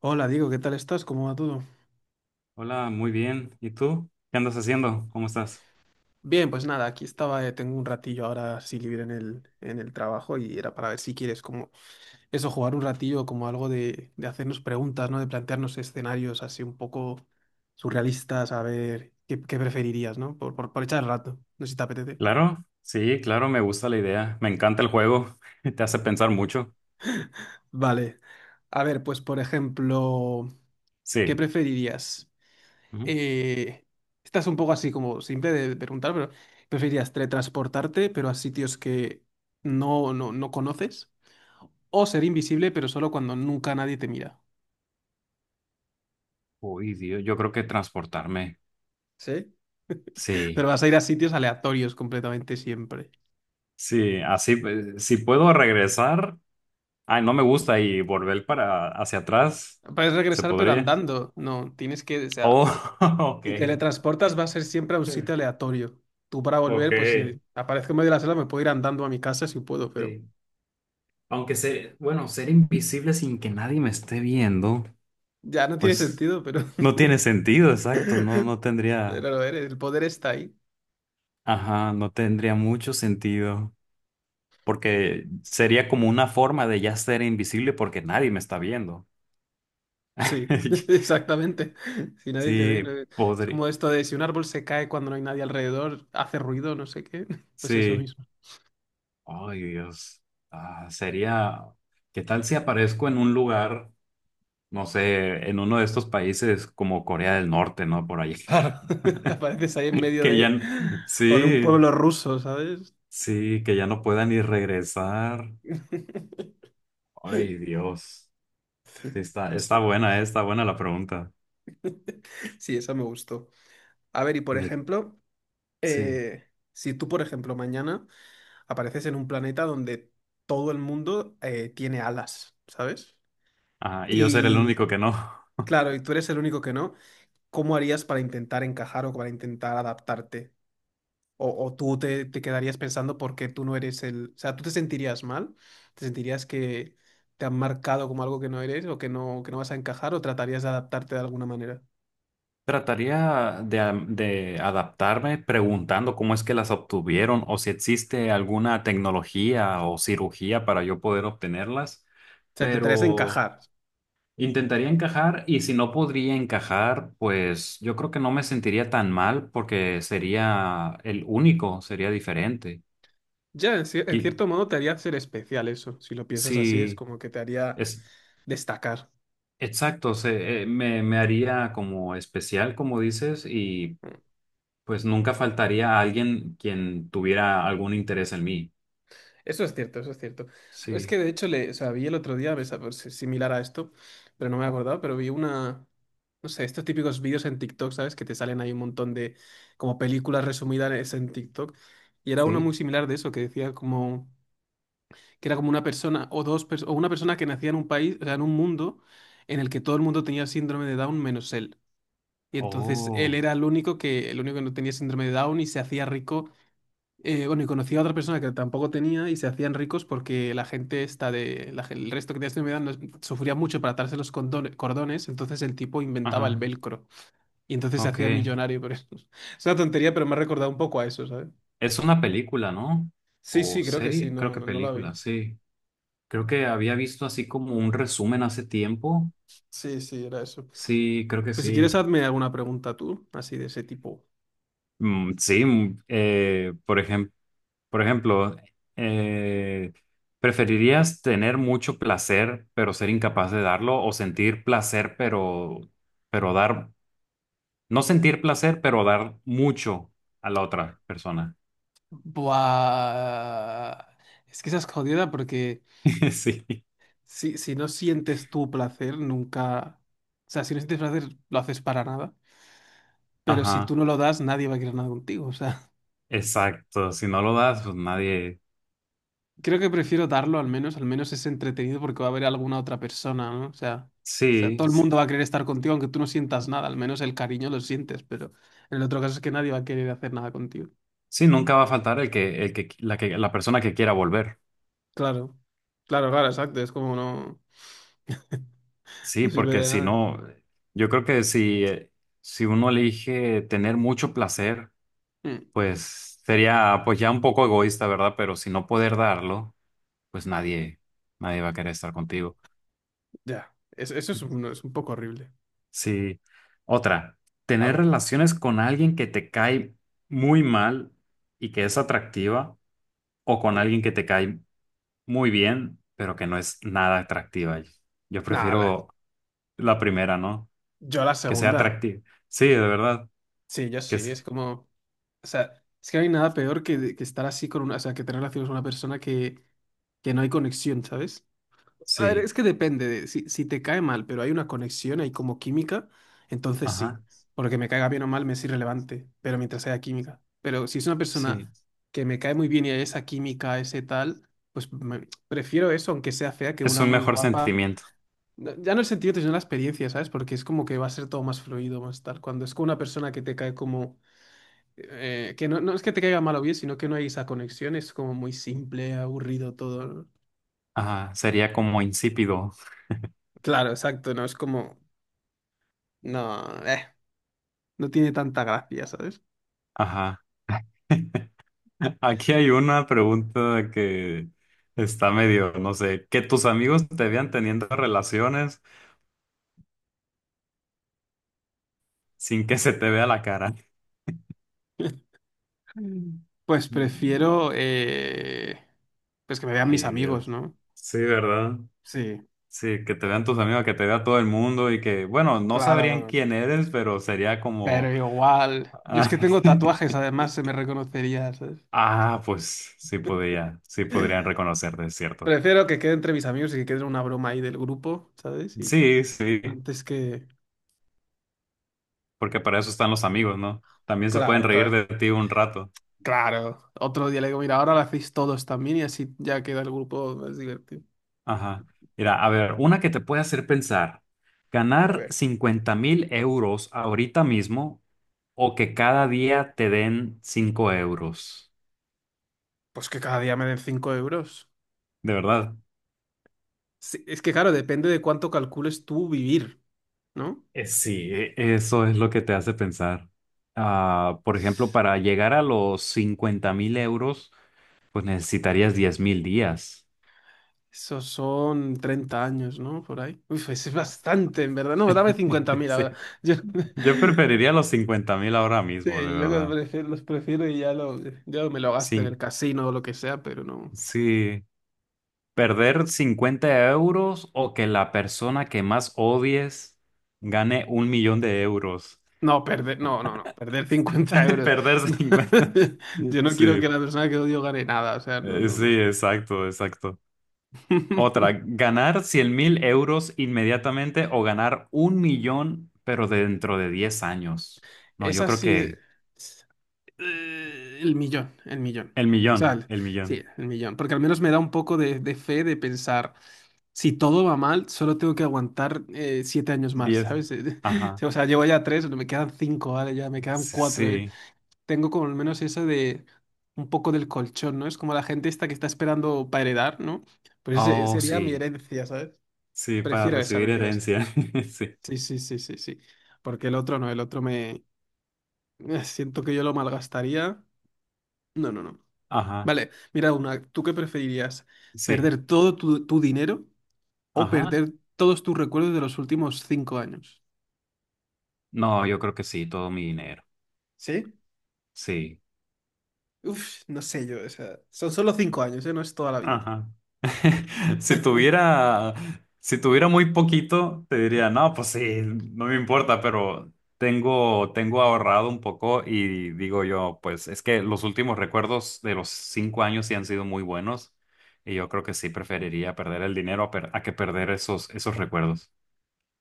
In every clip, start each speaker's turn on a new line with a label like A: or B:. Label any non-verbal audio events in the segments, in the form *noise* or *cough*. A: Hola, Diego, ¿qué tal estás? ¿Cómo va todo?
B: Hola, muy bien. ¿Y tú? ¿Qué andas haciendo? ¿Cómo estás?
A: Bien, pues nada, aquí estaba, tengo un ratillo ahora sí libre en el trabajo y era para ver si quieres como eso, jugar un ratillo como algo de hacernos preguntas, ¿no? De plantearnos escenarios así un poco surrealistas, a ver qué preferirías, ¿no? Por echar el rato, no sé si te apetece.
B: Claro, sí, claro, me gusta la idea. Me encanta el juego. *laughs* Te hace pensar mucho.
A: Vale, a ver, pues por ejemplo, ¿qué
B: Sí.
A: preferirías?
B: Ujú.
A: eh, Estás un poco así como simple de preguntar, pero ¿preferirías teletransportarte, pero a sitios que no conoces? ¿O ser invisible, pero solo cuando nunca nadie te mira?
B: Uy, Dios, yo creo que transportarme.
A: ¿Sí? Pero
B: Sí,
A: vas a ir a sitios aleatorios completamente siempre.
B: sí, así, pues, si puedo regresar. Ay, no me gusta y volver para hacia atrás.
A: Puedes
B: ¿Se
A: regresar, pero
B: podría?
A: andando. No, tienes que, o sea,
B: Oh, *laughs*
A: si
B: ok.
A: teletransportas va a ser siempre a un sitio aleatorio. Tú para
B: Ok.
A: volver, pues si aparezco en medio de la sala, me puedo ir andando a mi casa si puedo, pero
B: Sí. Aunque ser, bueno, ser invisible sin que nadie me esté viendo,
A: ya no tiene
B: pues.
A: sentido, pero...
B: No tiene sentido, exacto. No, no
A: *laughs*
B: tendría,
A: Pero lo eres, el poder está ahí.
B: ajá, no tendría mucho sentido. Porque sería como una forma de ya ser invisible porque nadie me está viendo.
A: Sí, *laughs*
B: *laughs*
A: exactamente. Si nadie te ve,
B: Sí,
A: es
B: podría.
A: como esto de si un árbol se cae cuando no hay nadie alrededor, hace ruido, no sé qué. *laughs* Pues eso
B: Sí.
A: mismo.
B: Ay, Dios. Ah, sería. ¿Qué tal si aparezco en un lugar, no sé, en uno de estos países como Corea del Norte, no? Por ahí.
A: Claro, *laughs* apareces ahí en
B: *laughs*
A: medio
B: Que ya.
A: de... o de un
B: Sí,
A: pueblo ruso, ¿sabes?
B: sí, que ya no pueda ni regresar.
A: *laughs*
B: Ay, Dios. Sí,
A: Pues sí,
B: está buena la pregunta.
A: sí, esa me gustó. A ver, y por
B: Me-
A: ejemplo,
B: sí.
A: si tú, por ejemplo, mañana apareces en un planeta donde todo el mundo tiene alas, ¿sabes?
B: Ajá, y yo ser el
A: Y
B: único que no.
A: claro, y tú eres el único que no, ¿cómo harías para intentar encajar o para intentar adaptarte? O tú te quedarías pensando por qué tú no eres el... O sea, ¿tú te sentirías mal? ¿Te sentirías que te han marcado como algo que no eres o que que no vas a encajar o tratarías de adaptarte de alguna manera?
B: *laughs* Trataría de adaptarme preguntando cómo es que las obtuvieron o si existe alguna tecnología o cirugía para yo poder obtenerlas,
A: O sea, te tratarías de
B: pero
A: encajar.
B: intentaría encajar y si no podría encajar, pues yo creo que no me sentiría tan mal porque sería el único, sería diferente.
A: Ya, en
B: Qui-
A: cierto modo te haría ser especial eso. Si lo piensas así, es
B: Si,
A: como que te haría
B: es,
A: destacar.
B: Exacto, me haría como especial, como dices, y pues nunca faltaría alguien quien tuviera algún interés en mí.
A: Eso es cierto, eso es cierto. Es
B: Sí,
A: que de hecho o sea, vi el otro día, pues, similar a esto, pero no me he acordado, pero vi una... no sé, estos típicos vídeos en TikTok, ¿sabes? Que te salen ahí un montón de como películas resumidas en TikTok. Y era uno
B: sí.
A: muy similar de eso, que decía como que era como una persona o o una persona que nacía en un país, o sea, en un mundo en el que todo el mundo tenía síndrome de Down menos él. Y entonces él
B: Oh,
A: era el único que no tenía síndrome de Down y se hacía rico. Bueno, y conocía a otra persona que tampoco tenía y se hacían ricos porque la gente está de la gen- el resto que tenía síndrome de Down sufría mucho para atarse cordones, entonces el tipo inventaba el
B: ajá,
A: velcro. Y entonces se
B: ok.
A: hacía millonario por eso. *laughs* Es una tontería, pero me ha recordado un poco a eso, ¿sabes?
B: Es una película, ¿no?
A: Sí,
B: O
A: sí, creo que sí,
B: serie, creo
A: no,
B: que
A: no, no la vi.
B: película, sí. Creo que había visto así como un resumen hace tiempo.
A: Sí, sí, era eso.
B: Sí, creo que
A: Pues si quieres,
B: sí.
A: hazme alguna pregunta tú, así de ese tipo.
B: Sí, por ejemplo. Por ejemplo, eh, ¿preferirías tener mucho placer pero ser incapaz de darlo o sentir placer pero dar, no sentir placer pero dar mucho a la otra persona?
A: Buah. Es que esa es jodida porque
B: *laughs* Sí,
A: si no sientes tu placer, nunca. O sea, si no sientes placer, lo haces para nada. Pero si tú
B: ajá,
A: no lo das, nadie va a querer nada contigo. O sea,
B: exacto. Si no lo das, pues nadie,
A: creo que prefiero darlo al menos es entretenido porque va a haber alguna otra persona, ¿no? O sea,
B: sí,
A: todo el
B: sí,
A: mundo va a querer estar contigo aunque tú no sientas nada, al menos el cariño lo sientes, pero en el otro caso es que nadie va a querer hacer nada contigo.
B: sí, nunca va a faltar el que, la persona que quiera volver.
A: Claro, claro, exacto, es como no,
B: Sí,
A: no sirve
B: porque
A: de
B: si
A: nada.
B: no, yo creo que si uno elige tener mucho placer,
A: Mm,
B: pues sería pues ya un poco egoísta, ¿verdad? Pero si no poder darlo, pues nadie va a querer estar contigo.
A: ya, eso es es un poco horrible.
B: Sí. Otra,
A: A
B: tener
A: ver,
B: relaciones con alguien que te cae muy mal y que es atractiva, o con
A: mm,
B: alguien que te cae muy bien, pero que no es nada atractiva. Yo
A: nada, la-
B: prefiero la primera, ¿no?
A: yo la
B: Que sea
A: segunda,
B: atractiva. Sí, de verdad.
A: sí, yo
B: Que
A: sí,
B: es.
A: es como, o sea, es que no hay nada peor que estar así con una, o sea, que tener relaciones con una persona que no hay conexión, ¿sabes? A ver,
B: Sí.
A: es que depende de si te cae mal, pero hay una conexión, hay como química, entonces sí.
B: Ajá.
A: Porque me caiga bien o mal me es irrelevante, pero mientras haya química. Pero si es una
B: Sí.
A: persona que me cae muy bien y hay esa química, ese tal, pues prefiero eso, aunque sea fea, que
B: Es
A: una
B: un
A: muy
B: mejor
A: guapa.
B: sentimiento.
A: Ya no el sentido, sino la experiencia, ¿sabes? Porque es como que va a ser todo más fluido, más tal. Cuando es con una persona que te cae como... que no es que te caiga mal o bien, sino que no hay esa conexión, es como muy simple, aburrido todo. ¿No?
B: Ajá. Sería como insípido.
A: Claro, exacto, no es como no, no tiene tanta gracia, ¿sabes?
B: Ajá. *laughs* Aquí hay una pregunta que está medio, no sé, que tus amigos te vean teniendo relaciones sin que se te vea la cara.
A: *laughs*
B: Mm.
A: Pues prefiero
B: No.
A: pues que me vean mis
B: Ay,
A: amigos,
B: Dios.
A: ¿no?
B: Sí, ¿verdad?
A: Sí,
B: Sí, que te vean tus amigos, que te vea todo el mundo y que, bueno, no
A: claro,
B: sabrían
A: como-
B: quién eres, pero sería como.
A: pero igual. Yo es
B: Ah,
A: que tengo tatuajes,
B: *laughs*
A: además se me reconocería, ¿sabes?
B: ah, pues sí
A: *laughs*
B: podrían reconocerte, es cierto.
A: Prefiero que quede entre mis amigos y que quede una broma ahí del grupo, ¿sabes? Y ya.
B: Sí, sí.
A: Antes que.
B: Porque para eso están los amigos, ¿no? También se pueden
A: Claro,
B: reír
A: claro.
B: de ti un rato.
A: Claro. Otro día le digo, mira, ahora lo hacéis todos también y así ya queda el grupo más divertido.
B: Ajá. Mira, a ver, una que te puede hacer pensar,
A: A
B: ganar
A: ver,
B: 50 mil euros ahorita mismo o que cada día te den 5 euros.
A: pues que cada día me den 5 euros.
B: De verdad.
A: Sí, es que claro, depende de cuánto calcules tú vivir, ¿no?
B: Sí, eso es lo que te hace pensar. Ah, por ejemplo, para llegar a los 50 mil euros, pues necesitarías 10.000 días.
A: Esos son 30 años, ¿no? Por ahí. Uf, es bastante, en verdad. No, dame cincuenta
B: *laughs*
A: mil
B: Sí.
A: ahora. Yo,
B: Yo
A: *laughs*
B: preferiría los 50.000 ahora mismo, de
A: sí,
B: verdad.
A: los prefiero y ya, ya me lo gasto en el casino o lo que sea, pero no.
B: Sí, perder 50 € o que la persona que más odies gane 1 millón de euros.
A: No, perder 50
B: *laughs*
A: euros.
B: Perder 50.
A: *laughs* Yo no quiero
B: Sí,
A: que la persona que odio gane nada, o sea, no, no, no.
B: sí, exacto, exacto. Otra,
A: *laughs*
B: ganar 100.000 € inmediatamente o ganar 1 millón, pero dentro de 10 años. No,
A: Es
B: yo creo
A: así.
B: que
A: El millón, el millón.
B: el
A: O sea,
B: millón,
A: el-
B: el
A: sí,
B: millón.
A: el millón. Porque al menos me da un poco de fe de pensar, si todo va mal, solo tengo que aguantar 7 años más,
B: 10.
A: ¿sabes? *laughs*
B: Ajá,
A: O sea, llevo ya tres, me quedan cinco, ¿vale? Ya me quedan
B: sí.
A: cuatro.
B: Sí.
A: Tengo como al menos eso de un poco del colchón, ¿no? Es como la gente esta que está esperando para heredar, ¿no? Pues ese
B: Oh,
A: sería mi
B: sí,
A: herencia, ¿sabes?
B: sí, para
A: Prefiero esa,
B: recibir
A: prefiero esa.
B: herencia. *laughs* Sí,
A: Sí, sí, sí, sí, sí. Porque el otro no, el otro me... siento que yo lo malgastaría. No, no, no.
B: ajá.
A: Vale, mira una, ¿tú qué preferirías?
B: Sí,
A: ¿Perder todo tu dinero o
B: ajá.
A: perder todos tus recuerdos de los últimos 5 años?
B: No, yo creo que sí, todo mi dinero.
A: ¿Sí?
B: Sí.
A: Uf, no sé yo, o sea, son solo 5 años, ¿eh? No es toda la vida.
B: Ajá. *laughs* Si
A: *laughs*
B: tuviera, si tuviera muy poquito, te diría, no, pues sí, no me importa, pero tengo ahorrado un poco y digo yo, pues es que los últimos recuerdos de los 5 años sí han sido muy buenos y yo creo que sí preferiría perder el dinero a que perder esos recuerdos.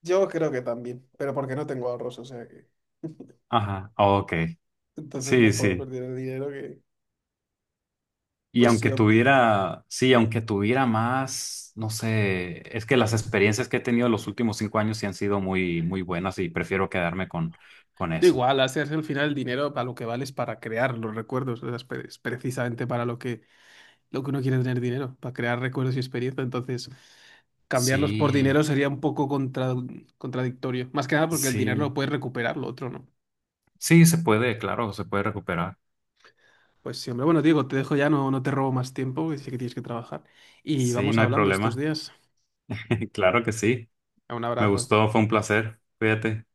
A: Yo creo que también, pero porque no tengo ahorros, o sea que.
B: Ajá. Ok.
A: Entonces
B: Sí,
A: mejor
B: sí.
A: perder el dinero que.
B: Y
A: Pues sí, hombre.
B: sí, aunque tuviera más, no sé, es que las experiencias que he tenido los últimos 5 años sí han sido muy, muy buenas y prefiero quedarme con
A: Da
B: eso.
A: igual, hacerse al final el dinero para lo que vale es para crear los recuerdos, o sea, es precisamente para lo que uno quiere es tener dinero para crear recuerdos y experiencia. Entonces, cambiarlos por
B: Sí,
A: dinero sería un poco contradictorio. Más que nada porque el dinero lo
B: sí,
A: puedes recuperar, lo otro no.
B: sí, se puede, claro, se puede recuperar.
A: Pues sí, hombre, bueno, Diego, te dejo ya, no, no te robo más tiempo, que sé que tienes que trabajar. Y
B: Sí,
A: vamos
B: no hay
A: hablando estos
B: problema.
A: días.
B: *laughs* Claro que sí.
A: Un
B: Me
A: abrazo.
B: gustó, fue un placer. Cuídate.